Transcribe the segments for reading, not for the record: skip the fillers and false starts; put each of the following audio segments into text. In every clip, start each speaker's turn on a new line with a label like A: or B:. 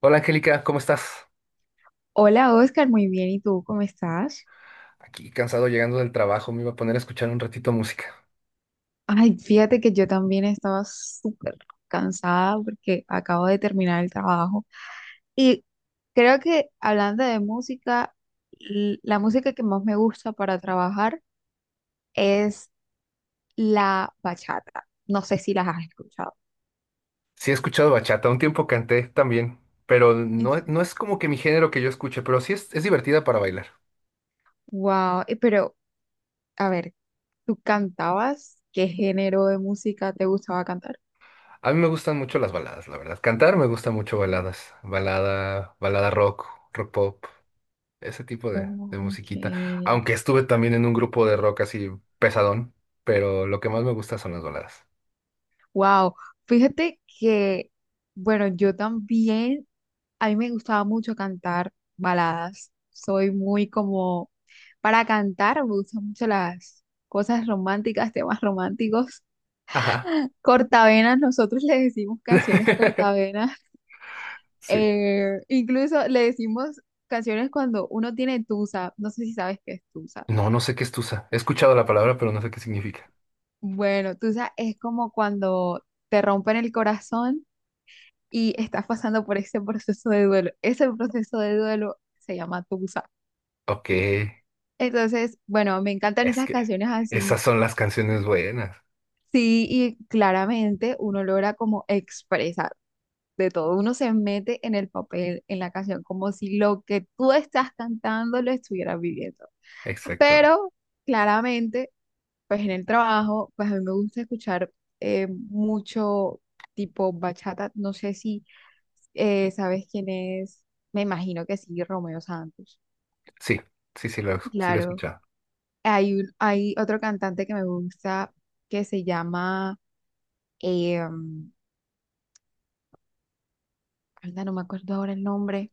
A: Hola Angélica, ¿cómo estás?
B: Hola Oscar, muy bien. ¿Y tú cómo estás?
A: Aquí cansado llegando del trabajo, me iba a poner a escuchar un ratito música.
B: Ay, fíjate que yo también estaba súper cansada porque acabo de terminar el trabajo. Y creo que hablando de música, la música que más me gusta para trabajar es la bachata. No sé si las has escuchado.
A: Sí he escuchado bachata, un tiempo canté también, pero no, no es como que mi género que yo escuche, pero sí es divertida para bailar.
B: Wow, pero a ver, ¿tú cantabas? ¿Qué género de música te gustaba cantar?
A: A mí me gustan mucho las baladas, la verdad. Cantar me gusta mucho baladas, balada, balada rock, rock pop, ese tipo de
B: Ok.
A: musiquita. Aunque estuve también en un grupo de rock así pesadón, pero lo que más me gusta son las baladas.
B: Wow, fíjate que, bueno, yo también, a mí me gustaba mucho cantar baladas. Soy muy como, para cantar me gustan mucho las cosas románticas, temas románticos.
A: Ajá.
B: Cortavenas, nosotros le decimos canciones cortavenas.
A: Sí.
B: Incluso le decimos canciones cuando uno tiene tusa. No sé si sabes qué es tusa.
A: No, no sé qué es tusa. He escuchado la palabra, pero no sé qué significa.
B: Bueno, tusa es como cuando te rompen el corazón y estás pasando por ese proceso de duelo. Ese proceso de duelo se llama tusa.
A: Ok,
B: Entonces, bueno, me encantan
A: es
B: esas
A: que
B: canciones así.
A: esas son las canciones buenas.
B: Sí, y claramente uno logra como expresar de todo. Uno se mete en el papel, en la canción, como si lo que tú estás cantando lo estuvieras viviendo.
A: Exactamente.
B: Pero claramente pues en el trabajo, pues a mí me gusta escuchar mucho tipo bachata. No sé si sabes quién es, me imagino que sí, Romeo Santos.
A: Sí, sí, sí lo he
B: Claro.
A: escuchado.
B: Hay otro cantante que me gusta que se llama, eh, anda, no me acuerdo ahora el nombre,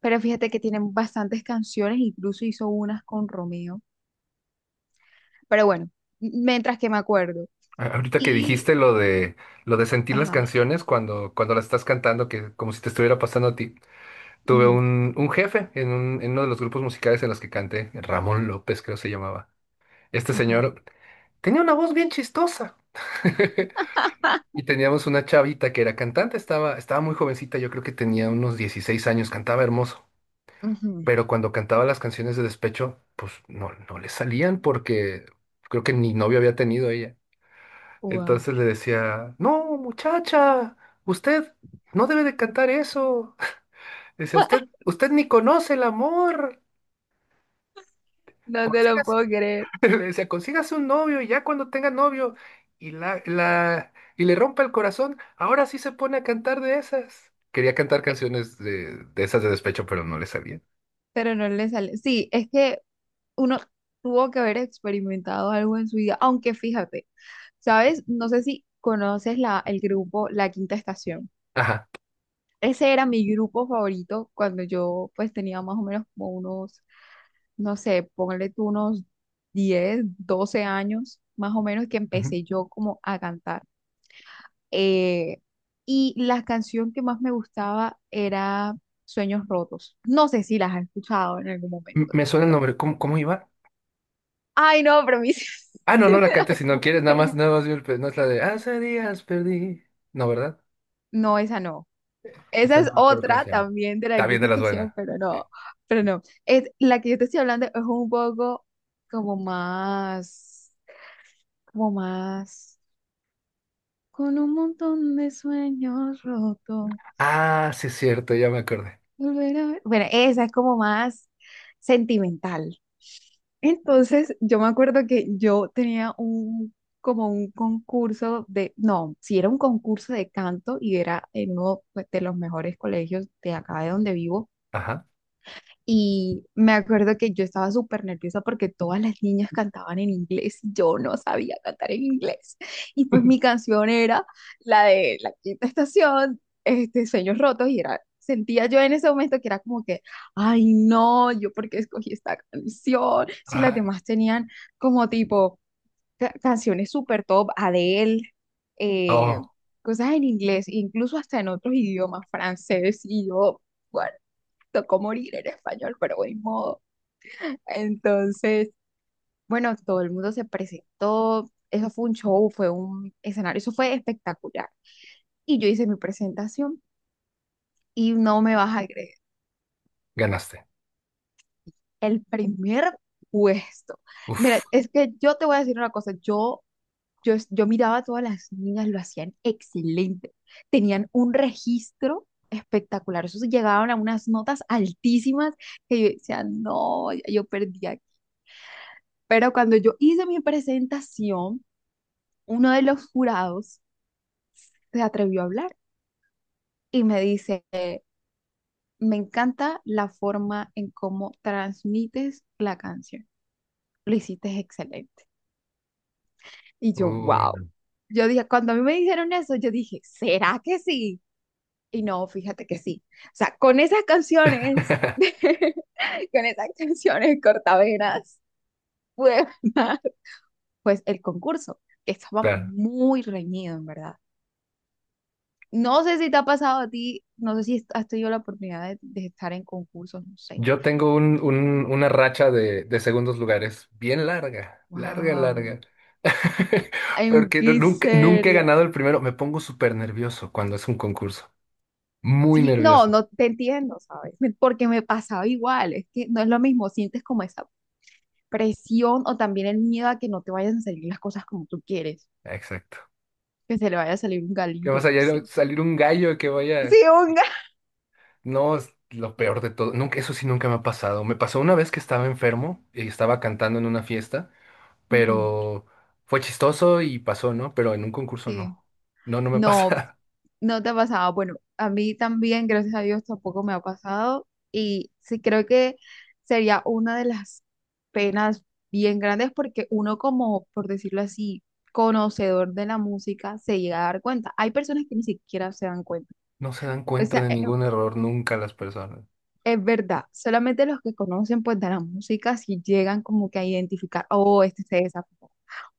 B: pero fíjate que tienen bastantes canciones, incluso hizo unas con Romeo. Pero bueno, mientras que me acuerdo.
A: Ahorita que
B: Y,
A: dijiste lo de sentir las
B: ajá,
A: canciones cuando las estás cantando, que como si te estuviera pasando a ti. Tuve
B: ujú,
A: un jefe en uno de los grupos musicales en los que canté, Ramón López, creo se llamaba. Este
B: ajá.
A: señor tenía una voz bien chistosa. Y teníamos una chavita que era cantante, estaba muy jovencita, yo creo que tenía unos 16 años, cantaba hermoso.
B: Ujú.
A: Pero cuando cantaba las canciones de despecho, pues no, no le salían porque creo que ni novio había tenido ella.
B: Wow.
A: Entonces le decía: no, muchacha, usted no debe de cantar eso. Decía, usted, usted ni conoce el amor.
B: No te lo
A: Consígase,
B: puedo creer.
A: le decía, consígase un novio y ya cuando tenga novio y y le rompa el corazón, ahora sí se pone a cantar de esas. Quería cantar
B: Eh,
A: canciones de esas de despecho, pero no le salían.
B: Pero no le sale. Sí, es que uno tuvo que haber experimentado algo en su vida, aunque fíjate, ¿sabes? No sé si conoces el grupo La Quinta Estación.
A: Ajá.
B: Ese era mi grupo favorito cuando yo pues tenía más o menos como unos, no sé, ponle tú unos 10, 12 años, más o menos que
A: Ujú.
B: empecé yo como a cantar. eh, y la canción que más me gustaba era Sueños Rotos. No sé si las has escuchado en algún
A: M-
B: momento de
A: Me
B: tu
A: suena el
B: vida.
A: nombre. ¿Cómo iba?
B: Ay, no, pero a mí sí,
A: Ah, no,
B: sí
A: no la
B: me da
A: cantes si no
B: como
A: quieres, nada más,
B: pena.
A: nada más vi el pe- no es la de hace días perdí. No, ¿verdad?
B: No, esa no. Esa
A: Esa
B: es
A: no me acuerdo cómo
B: otra
A: se llama.
B: también de La
A: Está bien
B: Quinta
A: de las
B: Estación,
A: buenas.
B: pero
A: Sí.
B: no, pero no. Es, la que yo te estoy hablando es un poco como más, como más, con un montón de sueños rotos.
A: Ah, sí es cierto, ya me acordé.
B: Volver a ver. Bueno, esa es como más sentimental. Entonces, yo me acuerdo que yo tenía un, como un concurso de, no, si era un concurso de canto y era en uno pues, de los mejores colegios de acá de donde vivo.
A: Ajá.
B: Y me acuerdo que yo estaba súper nerviosa porque todas las niñas cantaban en inglés y yo no sabía cantar en inglés. Y pues mi canción era la de La Quinta Estación, este, Sueños Rotos, y era, sentía yo en ese momento que era como que, ay no, yo porque escogí esta canción, si las
A: Ajá.
B: demás tenían como tipo canciones súper top, Adele, eh,
A: Oh,
B: cosas en inglés, incluso hasta en otros idiomas, francés y yo tocó morir en español, pero de modo. Entonces, bueno, todo el mundo se presentó, eso fue un show, fue un escenario, eso fue espectacular. Y yo hice mi presentación y no me vas a creer,
A: ganaste.
B: el primer puesto. Mira,
A: Uf.
B: es que yo te voy a decir una cosa, yo miraba a todas las niñas, lo hacían excelente, tenían un registro espectacular, eso sí, llegaban a unas notas altísimas que yo decía, no, ya yo perdí. Pero cuando yo hice mi presentación, uno de los jurados se atrevió a hablar y me dice, me encanta la forma en cómo transmites la canción. Lo hiciste excelente. Y yo,
A: Uy,
B: wow.
A: no.
B: Yo dije, cuando a mí me dijeron eso, yo dije, ¿será que sí? Y no, fíjate que sí. O sea, con esas canciones, con esas canciones cortavenas, pude ganar, pues el concurso. Que estaba
A: Claro.
B: muy reñido, en verdad. No sé si te ha pasado a ti, no sé si has tenido la oportunidad de estar en concursos, no sé.
A: Yo tengo una racha de segundos lugares bien larga, larga,
B: Wow,
A: larga.
B: en
A: Porque no-
B: qué
A: nunca, nunca he
B: serio.
A: ganado el primero. Me pongo súper nervioso cuando es un concurso. Muy
B: Sí, no,
A: nervioso.
B: no te entiendo, ¿sabes? Me- Porque me pasaba igual, es que no es lo mismo, sientes como esa presión o también el miedo a que no te vayan a salir las cosas como tú quieres,
A: Exacto.
B: que se le vaya a salir un
A: Que va a
B: galillo, no
A: salir,
B: sé.
A: salir un gallo que vaya.
B: Sí, un galillo.
A: No, es lo peor de todo. Nunca, eso sí nunca me ha pasado. Me pasó una vez que estaba enfermo y estaba cantando en una fiesta, pero fue chistoso y pasó, ¿no? Pero en un concurso
B: Sí.
A: no. No, no me
B: No,
A: pasa.
B: no te ha pasado. Bueno, a mí también, gracias a Dios, tampoco me ha pasado. Y sí creo que sería una de las penas bien grandes porque uno como, por decirlo así, conocedor de la música, se llega a dar cuenta. Hay personas que ni siquiera se dan cuenta.
A: No se dan
B: O
A: cuenta
B: sea,
A: de ningún error nunca las personas.
B: es, verdad, solamente los que conocen pues de la música si llegan como que a identificar, oh, este se desafinó,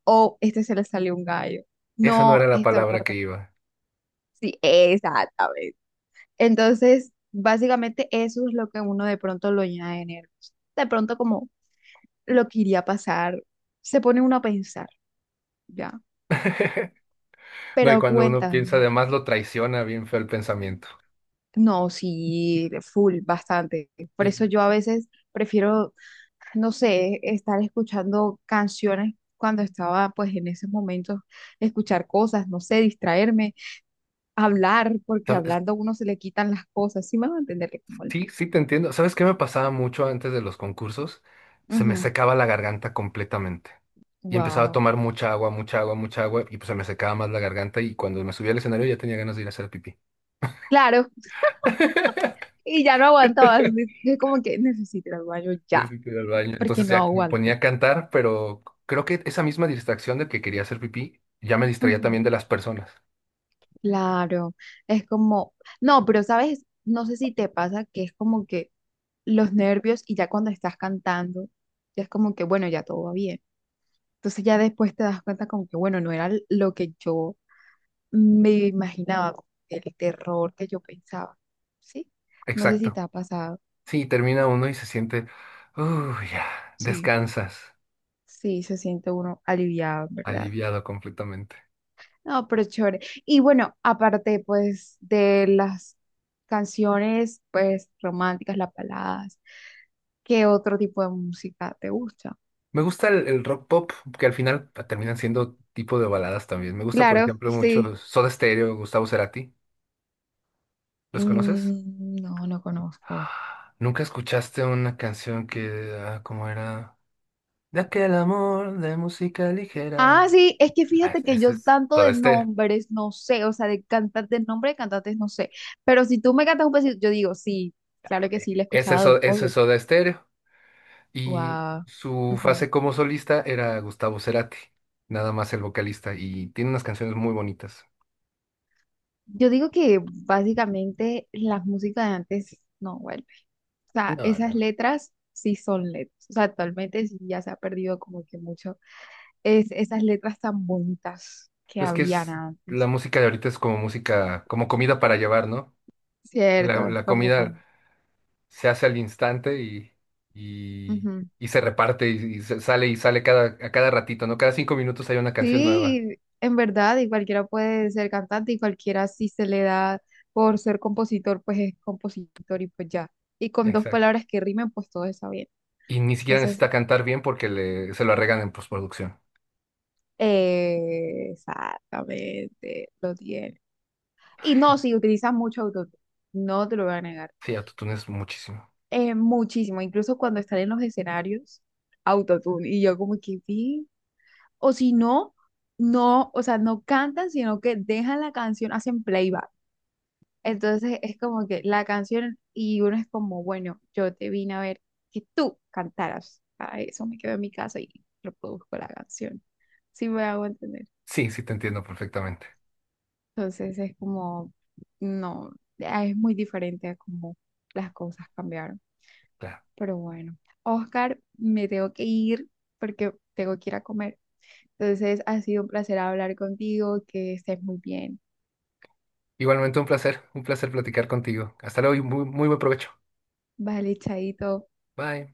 B: oh, este se le salió un gallo.
A: Esa no era
B: No,
A: la
B: esta
A: palabra que
B: parte.
A: iba.
B: Sí, exactamente. Entonces, básicamente eso es lo que uno de pronto lo llena de nervios. De pronto como lo que iría a pasar, se pone uno a pensar, ¿ya?
A: No, y
B: Pero
A: cuando uno
B: cuenta,
A: piensa, además lo traiciona bien feo el pensamiento.
B: no, sí, full, bastante. Por
A: Sí.
B: eso yo a veces prefiero, no sé, estar escuchando canciones cuando estaba pues en esos momentos, escuchar cosas, no sé, distraerme, hablar, porque
A: ¿Sabes?
B: hablando a uno se le quitan las cosas, sí me va a entender que como
A: Sí, sí, te entiendo. ¿Sabes qué me pasaba mucho antes de los concursos? Se me
B: Ujú.
A: secaba la garganta completamente. Y empezaba a
B: Wow.
A: tomar mucha agua, mucha agua, mucha agua, y pues se me secaba más la garganta y cuando me subía al escenario ya tenía ganas de ir a hacer pipí.
B: Claro, y ya no aguantabas. Yo como que necesito ir al baño
A: Sí,
B: ya,
A: sí, que ir al baño.
B: porque
A: Entonces
B: no
A: ya me
B: aguanto.
A: ponía a cantar, pero creo que esa misma distracción de que quería hacer pipí ya me distraía
B: Ujú.
A: también de las personas.
B: Claro, es como, no, pero sabes, no sé si te pasa que es como que los nervios y ya cuando estás cantando, ya es como que, bueno, ya todo va bien. Entonces ya después te das cuenta como que, bueno, no era lo que yo me imaginaba, como que el terror que yo pensaba, ¿sí? No sé si te
A: Exacto.
B: ha pasado.
A: Sí, termina uno y se siente, uy, ya,
B: Sí.
A: descansas,
B: Sí, se siente uno aliviado, ¿verdad?
A: aliviado completamente.
B: No, pero chévere. Y bueno, aparte pues de las canciones pues románticas, las baladas, ¿qué otro tipo de música te gusta?
A: Me gusta el rock pop, que al final terminan siendo tipo de baladas también. Me gusta, por
B: Claro,
A: ejemplo, mucho
B: sí.
A: Soda Stereo, Gustavo Cerati. ¿Los conoces?
B: Mm, no, no conozco.
A: ¿Nunca escuchaste una canción que, ah, cómo era? De aquel amor de música ligera.
B: Ah, sí, es que
A: Ah,
B: fíjate que yo
A: ese es
B: tanto
A: Soda
B: de
A: Stereo.
B: nombres no sé, o sea, de cantantes, nombre de cantantes no sé, pero si tú me cantas un pedacito, yo digo, sí, claro que sí, la he
A: Ese es,
B: escuchado,
A: So- ese es
B: obvio.
A: Soda Stereo. Y
B: Wow.
A: su fase como solista era Gustavo Cerati, nada más el vocalista, y tiene unas canciones muy bonitas.
B: Yo digo que básicamente la música de antes, no, bueno. O sea,
A: No, no.
B: esas letras sí son letras. O sea, actualmente sí ya se ha perdido como que mucho es, esas letras tan bonitas que
A: Pues que
B: habían
A: es, la
B: antes.
A: música de ahorita es como música, como comida para llevar, ¿no? Que La,
B: Cierto, es
A: la
B: como
A: comida
B: con-
A: se hace al instante y,
B: Ujú.
A: y se reparte y se sale y sale a cada ratito, ¿no? Cada 5 minutos hay una canción nueva.
B: Sí, en verdad, y cualquiera puede ser cantante y cualquiera si se le da por ser compositor, pues es compositor y pues ya. Y con dos
A: Exacto.
B: palabras que rimen, pues todo está bien.
A: Y ni siquiera
B: Entonces,
A: necesita cantar bien porque le, se lo arreglan en postproducción.
B: exactamente, lo tiene. Y no, sí, utilizan mucho autotune, no te lo voy a negar.
A: Sí, autotunes muchísimo.
B: Muchísimo, incluso cuando están en los escenarios, autotune. Y yo como que vi, o si no, no, o sea, no cantan, sino que dejan la canción, hacen playback. Entonces es como que la canción y uno es como, bueno, yo te vine a ver que tú cantaras. Para eso me quedo en mi casa y reproduzco la canción. Sí me hago entender.
A: Sí, sí te entiendo perfectamente.
B: Entonces es como, no, ah, es muy diferente a cómo las cosas cambiaron.
A: Claro.
B: Pero bueno, Oscar, me tengo que ir porque tengo que ir a comer. Entonces, ha sido un placer hablar contigo, que estés muy bien.
A: Igualmente un placer platicar contigo. Hasta luego y muy, muy buen provecho.
B: Vale, chaito.
A: Bye.